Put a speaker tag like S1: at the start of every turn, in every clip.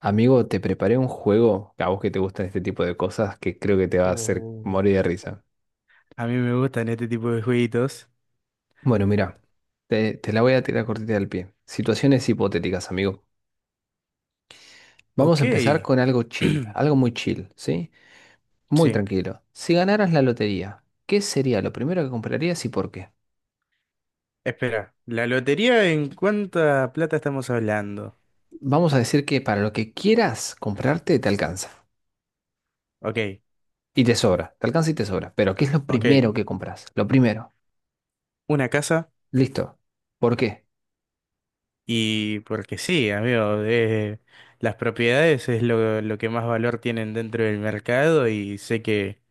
S1: Amigo, te preparé un juego a vos que te gustan este tipo de cosas que creo que te va a hacer
S2: Oh,
S1: morir de risa.
S2: a mí me gustan este tipo de jueguitos.
S1: Bueno, mira, te la voy a tirar cortita del pie. Situaciones hipotéticas, amigo. Vamos
S2: Ok.
S1: a empezar con algo chill, algo muy chill, ¿sí? Muy
S2: Sí.
S1: tranquilo. Si ganaras la lotería, ¿qué sería lo primero que comprarías y por qué?
S2: Espera, ¿la lotería en cuánta plata estamos hablando?
S1: Vamos a decir que para lo que quieras comprarte te alcanza.
S2: Ok.
S1: Y te sobra, te alcanza y te sobra. Pero ¿qué es lo
S2: Ok.
S1: primero que compras? Lo primero.
S2: Una casa.
S1: Listo. ¿Por qué?
S2: Y porque sí, amigo. Las propiedades es lo que más valor tienen dentro del mercado y sé que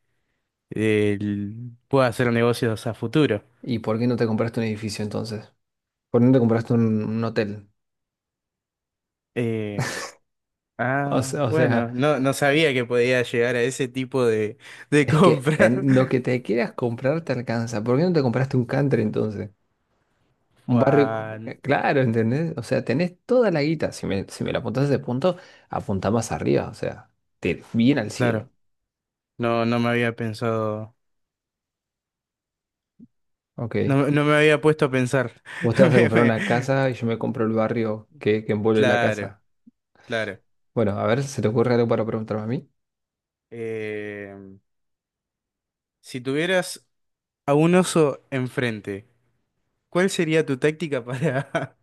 S2: puedo hacer negocios a futuro.
S1: ¿Y por qué no te compraste un edificio entonces? ¿Por dónde compraste un hotel?
S2: Eh,
S1: O sea, o
S2: bueno.
S1: sea,
S2: No, no sabía que podía llegar a ese tipo de
S1: es que
S2: compra.
S1: en lo que te quieras comprar te alcanza. ¿Por qué no te compraste un country entonces? Un barrio,
S2: Guau,
S1: claro, ¿entendés? O sea, tenés toda la guita. Si me la apuntás a ese punto, apuntá más arriba, o sea, te, bien al
S2: claro,
S1: cielo.
S2: no, no me había pensado, no,
S1: Ok.
S2: me no me había puesto a pensar.
S1: Vos te vas a
S2: Me-
S1: comprar
S2: me-
S1: una casa y yo me compro el barrio que envuelve la
S2: Claro,
S1: casa.
S2: claro.
S1: Bueno, a ver, ¿se te ocurre algo para preguntarme a mí?
S2: Eh, si tuvieras a un oso enfrente, ¿cuál sería tu táctica para,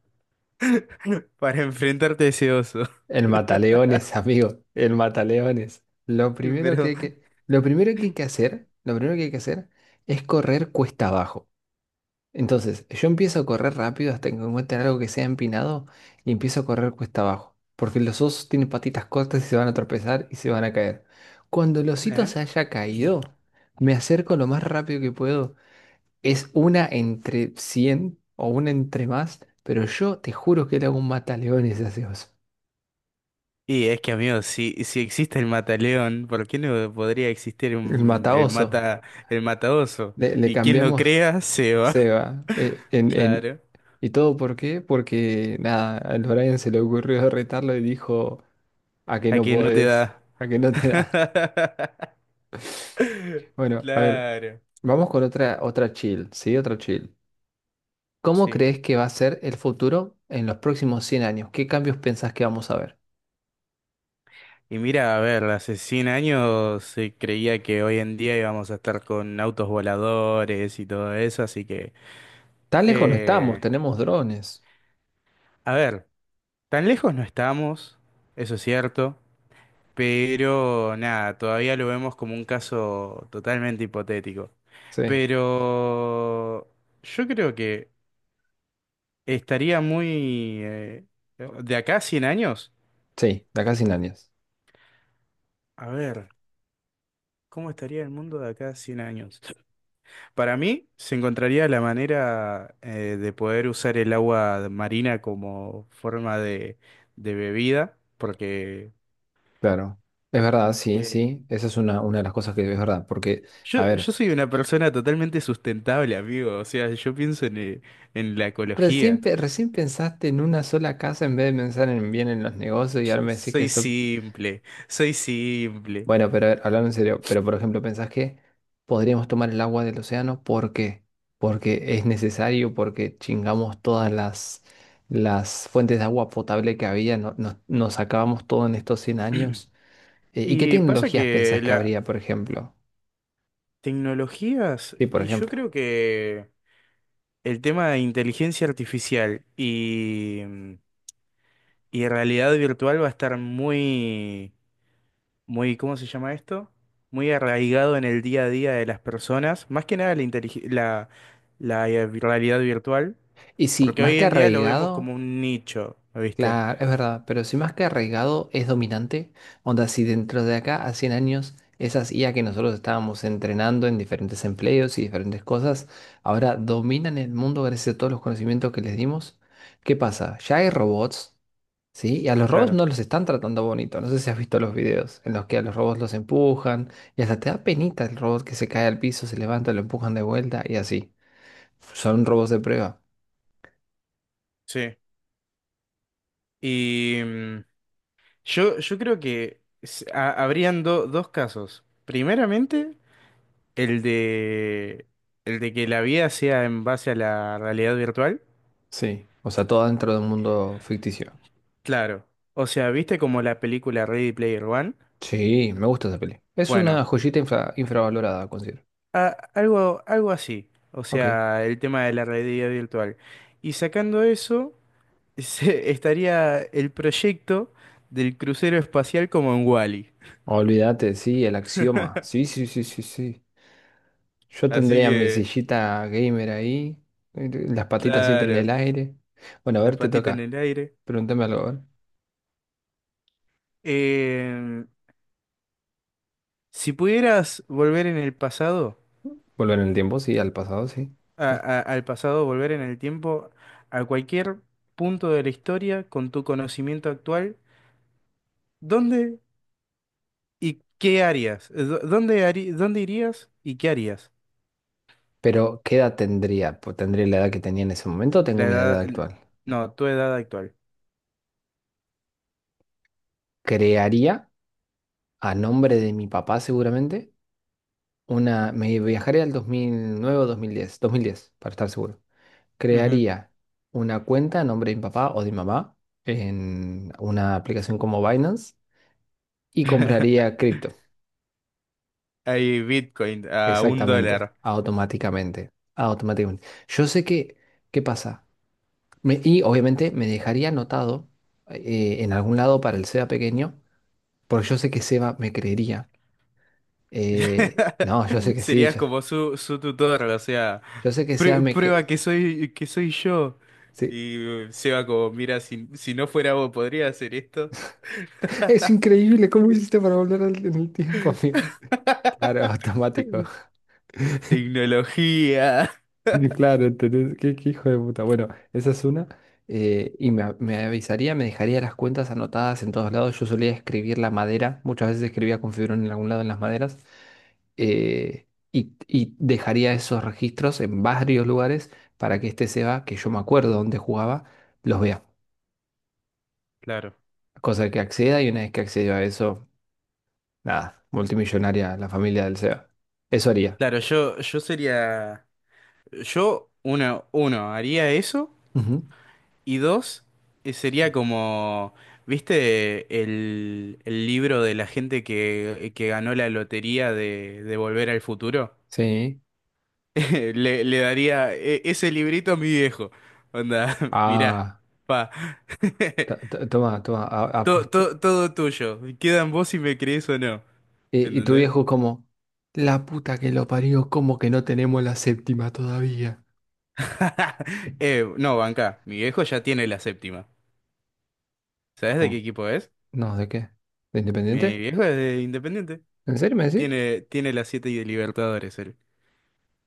S2: para enfrentarte a ese oso?
S1: El mataleones, amigo, el mataleones. Lo primero que
S2: Pero,
S1: hay que, lo primero que hay que hacer, lo primero que hay que hacer es correr cuesta abajo. Entonces, yo empiezo a correr rápido hasta que encuentre algo que sea empinado y empiezo a correr cuesta abajo. Porque los osos tienen patitas cortas y se van a tropezar y se van a caer. Cuando el osito
S2: ¿eh?
S1: se haya caído, me acerco lo más rápido que puedo. Es una entre 100 o una entre más, pero yo te juro que le hago un mataleones a ese oso.
S2: Y es que, amigo, si existe el mataleón, ¿por qué no podría existir
S1: El mataoso,
S2: el mataoso?
S1: le
S2: Y quien lo
S1: cambiamos
S2: crea se va.
S1: Seba.
S2: Claro.
S1: ¿Y todo por qué? Porque nada, al Brian se le ocurrió retarlo y dijo, a que no
S2: Aquí no te
S1: podés,
S2: da.
S1: a que no te da. Bueno, a ver,
S2: Claro,
S1: vamos con otra chill, ¿sí? Otra chill. ¿Cómo
S2: sí.
S1: crees que va a ser el futuro en los próximos 100 años? ¿Qué cambios pensás que vamos a ver?
S2: Y mira, a ver, hace 100 años se creía que hoy en día íbamos a estar con autos voladores y todo eso, así que...
S1: Tan lejos no estamos,
S2: eh,
S1: tenemos drones.
S2: a ver, tan lejos no estamos, eso es cierto, pero nada, todavía lo vemos como un caso totalmente hipotético.
S1: Sí,
S2: Pero yo creo que estaría muy... de acá a 100 años,
S1: sí, de acá a 100 años.
S2: a ver. ¿Cómo estaría el mundo de acá a 100 años? Para mí, se encontraría la manera de poder usar el agua marina como forma de bebida, porque
S1: Claro. Es verdad, sí,
S2: eh,
S1: sí. Esa es una de las cosas que es verdad. Porque, a
S2: yo, yo
S1: ver.
S2: soy una persona totalmente sustentable, amigo. O sea, yo pienso en la
S1: Recién,
S2: ecología.
S1: recién pensaste en una sola casa en vez de pensar en bien en los negocios y ahora
S2: Yo
S1: me decís que
S2: soy
S1: eso...
S2: simple, soy simple.
S1: Bueno, pero a ver, hablando en serio, pero por ejemplo, ¿pensás que podríamos tomar el agua del océano? ¿Por qué? Porque es necesario, porque chingamos todas las fuentes de agua potable que había, nos acabamos todo en estos 100 años. ¿Y qué
S2: Y pasa
S1: tecnologías pensás
S2: que
S1: que
S2: las
S1: habría, por ejemplo?
S2: tecnologías,
S1: Sí, por
S2: y yo
S1: ejemplo.
S2: creo que el tema de inteligencia artificial y y realidad virtual va a estar muy, muy, ¿cómo se llama esto? Muy arraigado en el día a día de las personas, más que nada la realidad virtual,
S1: Y sí,
S2: porque
S1: más
S2: hoy
S1: que
S2: en día lo vemos
S1: arraigado.
S2: como un nicho, ¿viste?
S1: Claro, es verdad, pero si más que arraigado es dominante, onda, si dentro de acá a 100 años esas IA que nosotros estábamos entrenando en diferentes empleos y diferentes cosas, ahora dominan el mundo gracias a todos los conocimientos que les dimos, ¿qué pasa? Ya hay robots, ¿sí? Y a los robots
S2: Claro,
S1: no los están tratando bonito, no sé si has visto los videos en los que a los robots los empujan y hasta te da penita el robot que se cae al piso, se levanta, lo empujan de vuelta y así. Son robots de prueba,
S2: sí. Y yo, yo creo que habrían dos casos. Primeramente, el de, el de que la vida sea en base a la realidad virtual.
S1: sí, o sea, todo dentro de un mundo ficticio.
S2: Claro. O sea, ¿viste como la película Ready Player One?
S1: Sí, me gusta esa peli. Es una
S2: Bueno,
S1: joyita infravalorada, considero.
S2: a- algo, algo así. O
S1: Ok.
S2: sea, el tema de la realidad virtual. Y sacando eso, estaría el proyecto del crucero espacial como en Wall-E.
S1: Olvídate, sí, el axioma. Sí, sí, sí, sí, sí. Yo
S2: Así
S1: tendría mi
S2: que,
S1: sillita gamer ahí, las patitas siempre en
S2: claro,
S1: el aire. Bueno, a
S2: las
S1: ver, te
S2: patitas en
S1: toca.
S2: el aire.
S1: Pregúntame algo, a ver.
S2: Eh, si pudieras volver en el pasado,
S1: Volver en el tiempo, sí, al pasado, sí. Sí.
S2: al pasado, volver en el tiempo, a cualquier punto de la historia con tu conocimiento actual, ¿dónde y qué harías? ¿Dónde dónde irías y qué harías?
S1: Pero, ¿qué edad tendría? Pues, ¿tendría la edad que tenía en ese momento o tengo
S2: La
S1: mi edad
S2: edad, el-
S1: actual?
S2: no, tu edad actual.
S1: Crearía, a nombre de mi papá seguramente, una... Me viajaría al 2009 o dos mil diez. Dos mil diez, para estar seguro.
S2: Ujú.
S1: Crearía una cuenta a nombre de mi papá o de mi mamá en una aplicación como Binance y compraría cripto.
S2: Hay Bitcoin a un
S1: Exactamente,
S2: dólar.
S1: automáticamente, automáticamente. Yo sé que, ¿qué pasa? Y obviamente me dejaría anotado en algún lado para el Seba pequeño, porque yo sé que Seba me creería. No, yo sé que sí,
S2: Serías
S1: yo,
S2: como su tutor, o sea,
S1: yo sé que Seba me
S2: Prueba
S1: cree.
S2: que soy yo."
S1: Sí.
S2: Y Seba como, mira, si, si no fuera vos, ¿podría hacer esto?
S1: Es increíble cómo hiciste para volver en el tiempo, amigo. Claro, automático.
S2: Tecnología.
S1: Claro, entonces, qué hijo de puta. Bueno, esa es una. Y me avisaría, me dejaría las cuentas anotadas en todos lados. Yo solía escribir la madera, muchas veces escribía con fibrón en algún lado en las maderas. Y dejaría esos registros en varios lugares para que este Seba, que yo me acuerdo dónde jugaba, los vea.
S2: Claro.
S1: Cosa que acceda y una vez que acceda a eso, nada, multimillonaria la familia del Seba. Eso haría.
S2: Claro, yo sería, yo, uno, haría eso.
S1: Ujú.
S2: Y dos, sería como, ¿viste el libro de la gente que ganó la lotería de Volver al Futuro?
S1: Sí.
S2: Le daría ese librito a mi viejo. Onda, mirá,
S1: Ah,
S2: pa.
S1: toma, toma,
S2: Todo, todo, todo tuyo. Queda en vos si me crees o no.
S1: Y, y tu
S2: ¿Entendés?
S1: viejo como, la puta que lo parió, ¿cómo que no tenemos la séptima todavía?
S2: No, banca. Mi viejo ya tiene la séptima. ¿Sabés de qué
S1: Como,
S2: equipo es?
S1: no, ¿de qué? ¿De
S2: Mi
S1: Independiente?
S2: viejo es de Independiente.
S1: ¿En serio me decís?
S2: Tiene, tiene las siete y de Libertadores, él.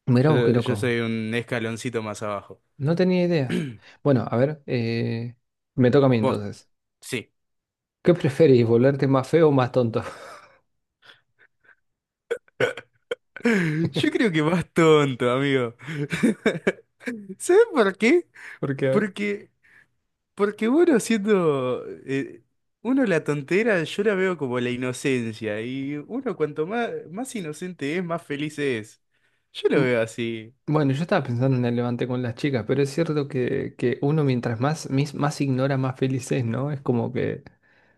S1: Mirá vos qué
S2: Yo
S1: loco.
S2: soy un escaloncito más abajo.
S1: No tenía idea. Bueno, a ver, me toca a mí
S2: Vos,
S1: entonces.
S2: sí.
S1: ¿Qué preferís, volverte más feo o más tonto?
S2: Yo creo que vas tonto, amigo. ¿Sabes por qué?
S1: Porque, a ver,
S2: Porque, porque bueno, siendo uno la tontera, yo la veo como la inocencia. Y uno cuanto más inocente es, más feliz es. Yo lo
S1: m-
S2: veo así.
S1: bueno, yo estaba pensando en el levante con las chicas, pero es cierto que uno mientras más, más ignora, más feliz es, ¿no? Es como que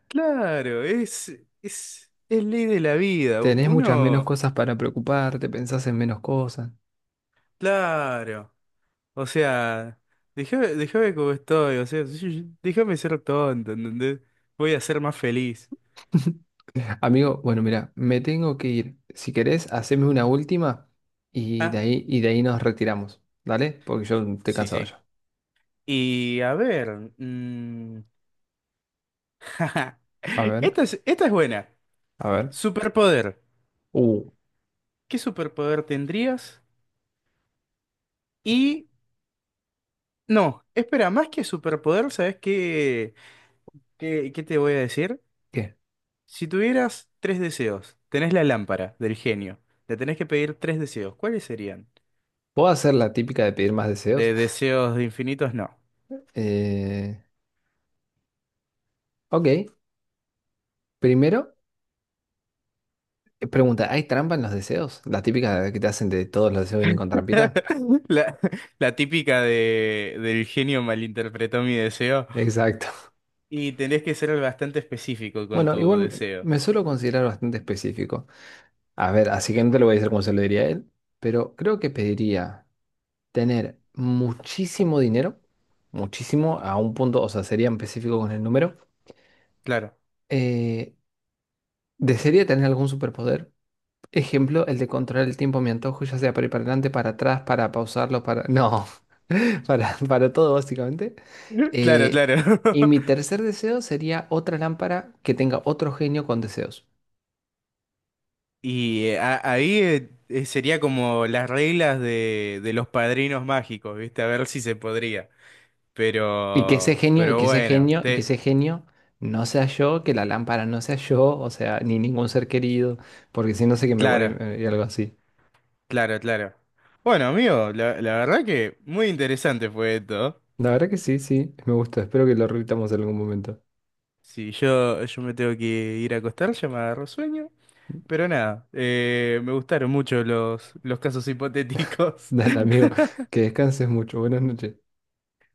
S2: Claro, es ley de la vida.
S1: tenés muchas menos
S2: Uno,
S1: cosas para preocuparte, pensás en menos cosas.
S2: claro. O sea, déjame, déjame como estoy, o sea, déjame ser tonto, ¿entendés? Voy a ser más feliz.
S1: Amigo, bueno, mira, me tengo que ir. Si querés, haceme una última
S2: Ah,
S1: y de ahí nos retiramos. ¿Dale? Porque yo estoy
S2: sí,
S1: cansado
S2: sí.
S1: ya.
S2: Y a ver, jaja,
S1: A ver,
S2: esta es, esta es buena.
S1: a ver.
S2: Superpoder.
S1: Uh,
S2: ¿Qué superpoder tendrías? Y no, espera, más que superpoder, ¿sabes qué te voy a decir?
S1: ¿Qué?
S2: Si tuvieras 3 deseos, tenés la lámpara del genio, le tenés que pedir 3 deseos, ¿cuáles serían?
S1: ¿Puedo hacer la típica de pedir más deseos?
S2: De deseos infinitos, no.
S1: Eh, ok. Primero, pregunta, ¿hay trampa en los deseos? La típica de que te hacen de todos los deseos vienen con trampita.
S2: La, la típica de, del genio malinterpretó mi deseo.
S1: Exacto.
S2: Y tenés que ser bastante específico con
S1: Bueno,
S2: tu
S1: igual
S2: deseo.
S1: me suelo considerar bastante específico. A ver, así que no te lo voy a decir como se lo diría a él, pero creo que pediría. Tener muchísimo dinero, muchísimo a un punto, o sea, sería específico con el número.
S2: Claro.
S1: Eh, Desearía tener algún superpoder. Ejemplo, el de controlar el tiempo a mi antojo, ya sea para ir para adelante, para atrás, para pausarlo, para... No, para todo básicamente.
S2: Claro,
S1: Eh,
S2: claro.
S1: y mi tercer deseo sería otra lámpara que tenga otro genio con deseos.
S2: Y a- ahí sería como las reglas de los padrinos mágicos, ¿viste? A ver si se podría. Pero bueno,
S1: Y que ese genio no sea yo, que la lámpara no sea yo, o sea, ni ningún ser querido, porque si no sé que me voy a
S2: claro,
S1: morir, y algo así.
S2: claro, claro. Bueno, amigo, la verdad que muy interesante fue esto.
S1: La verdad que sí, sí, me gusta. Espero que lo repitamos en algún momento.
S2: Si yo, yo me tengo que ir a acostar, ya me agarro sueño. Pero nada, me gustaron mucho los casos hipotéticos.
S1: Dale, amigo, que descanses mucho. Buenas noches.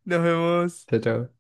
S2: Nos vemos.
S1: Chao, chao.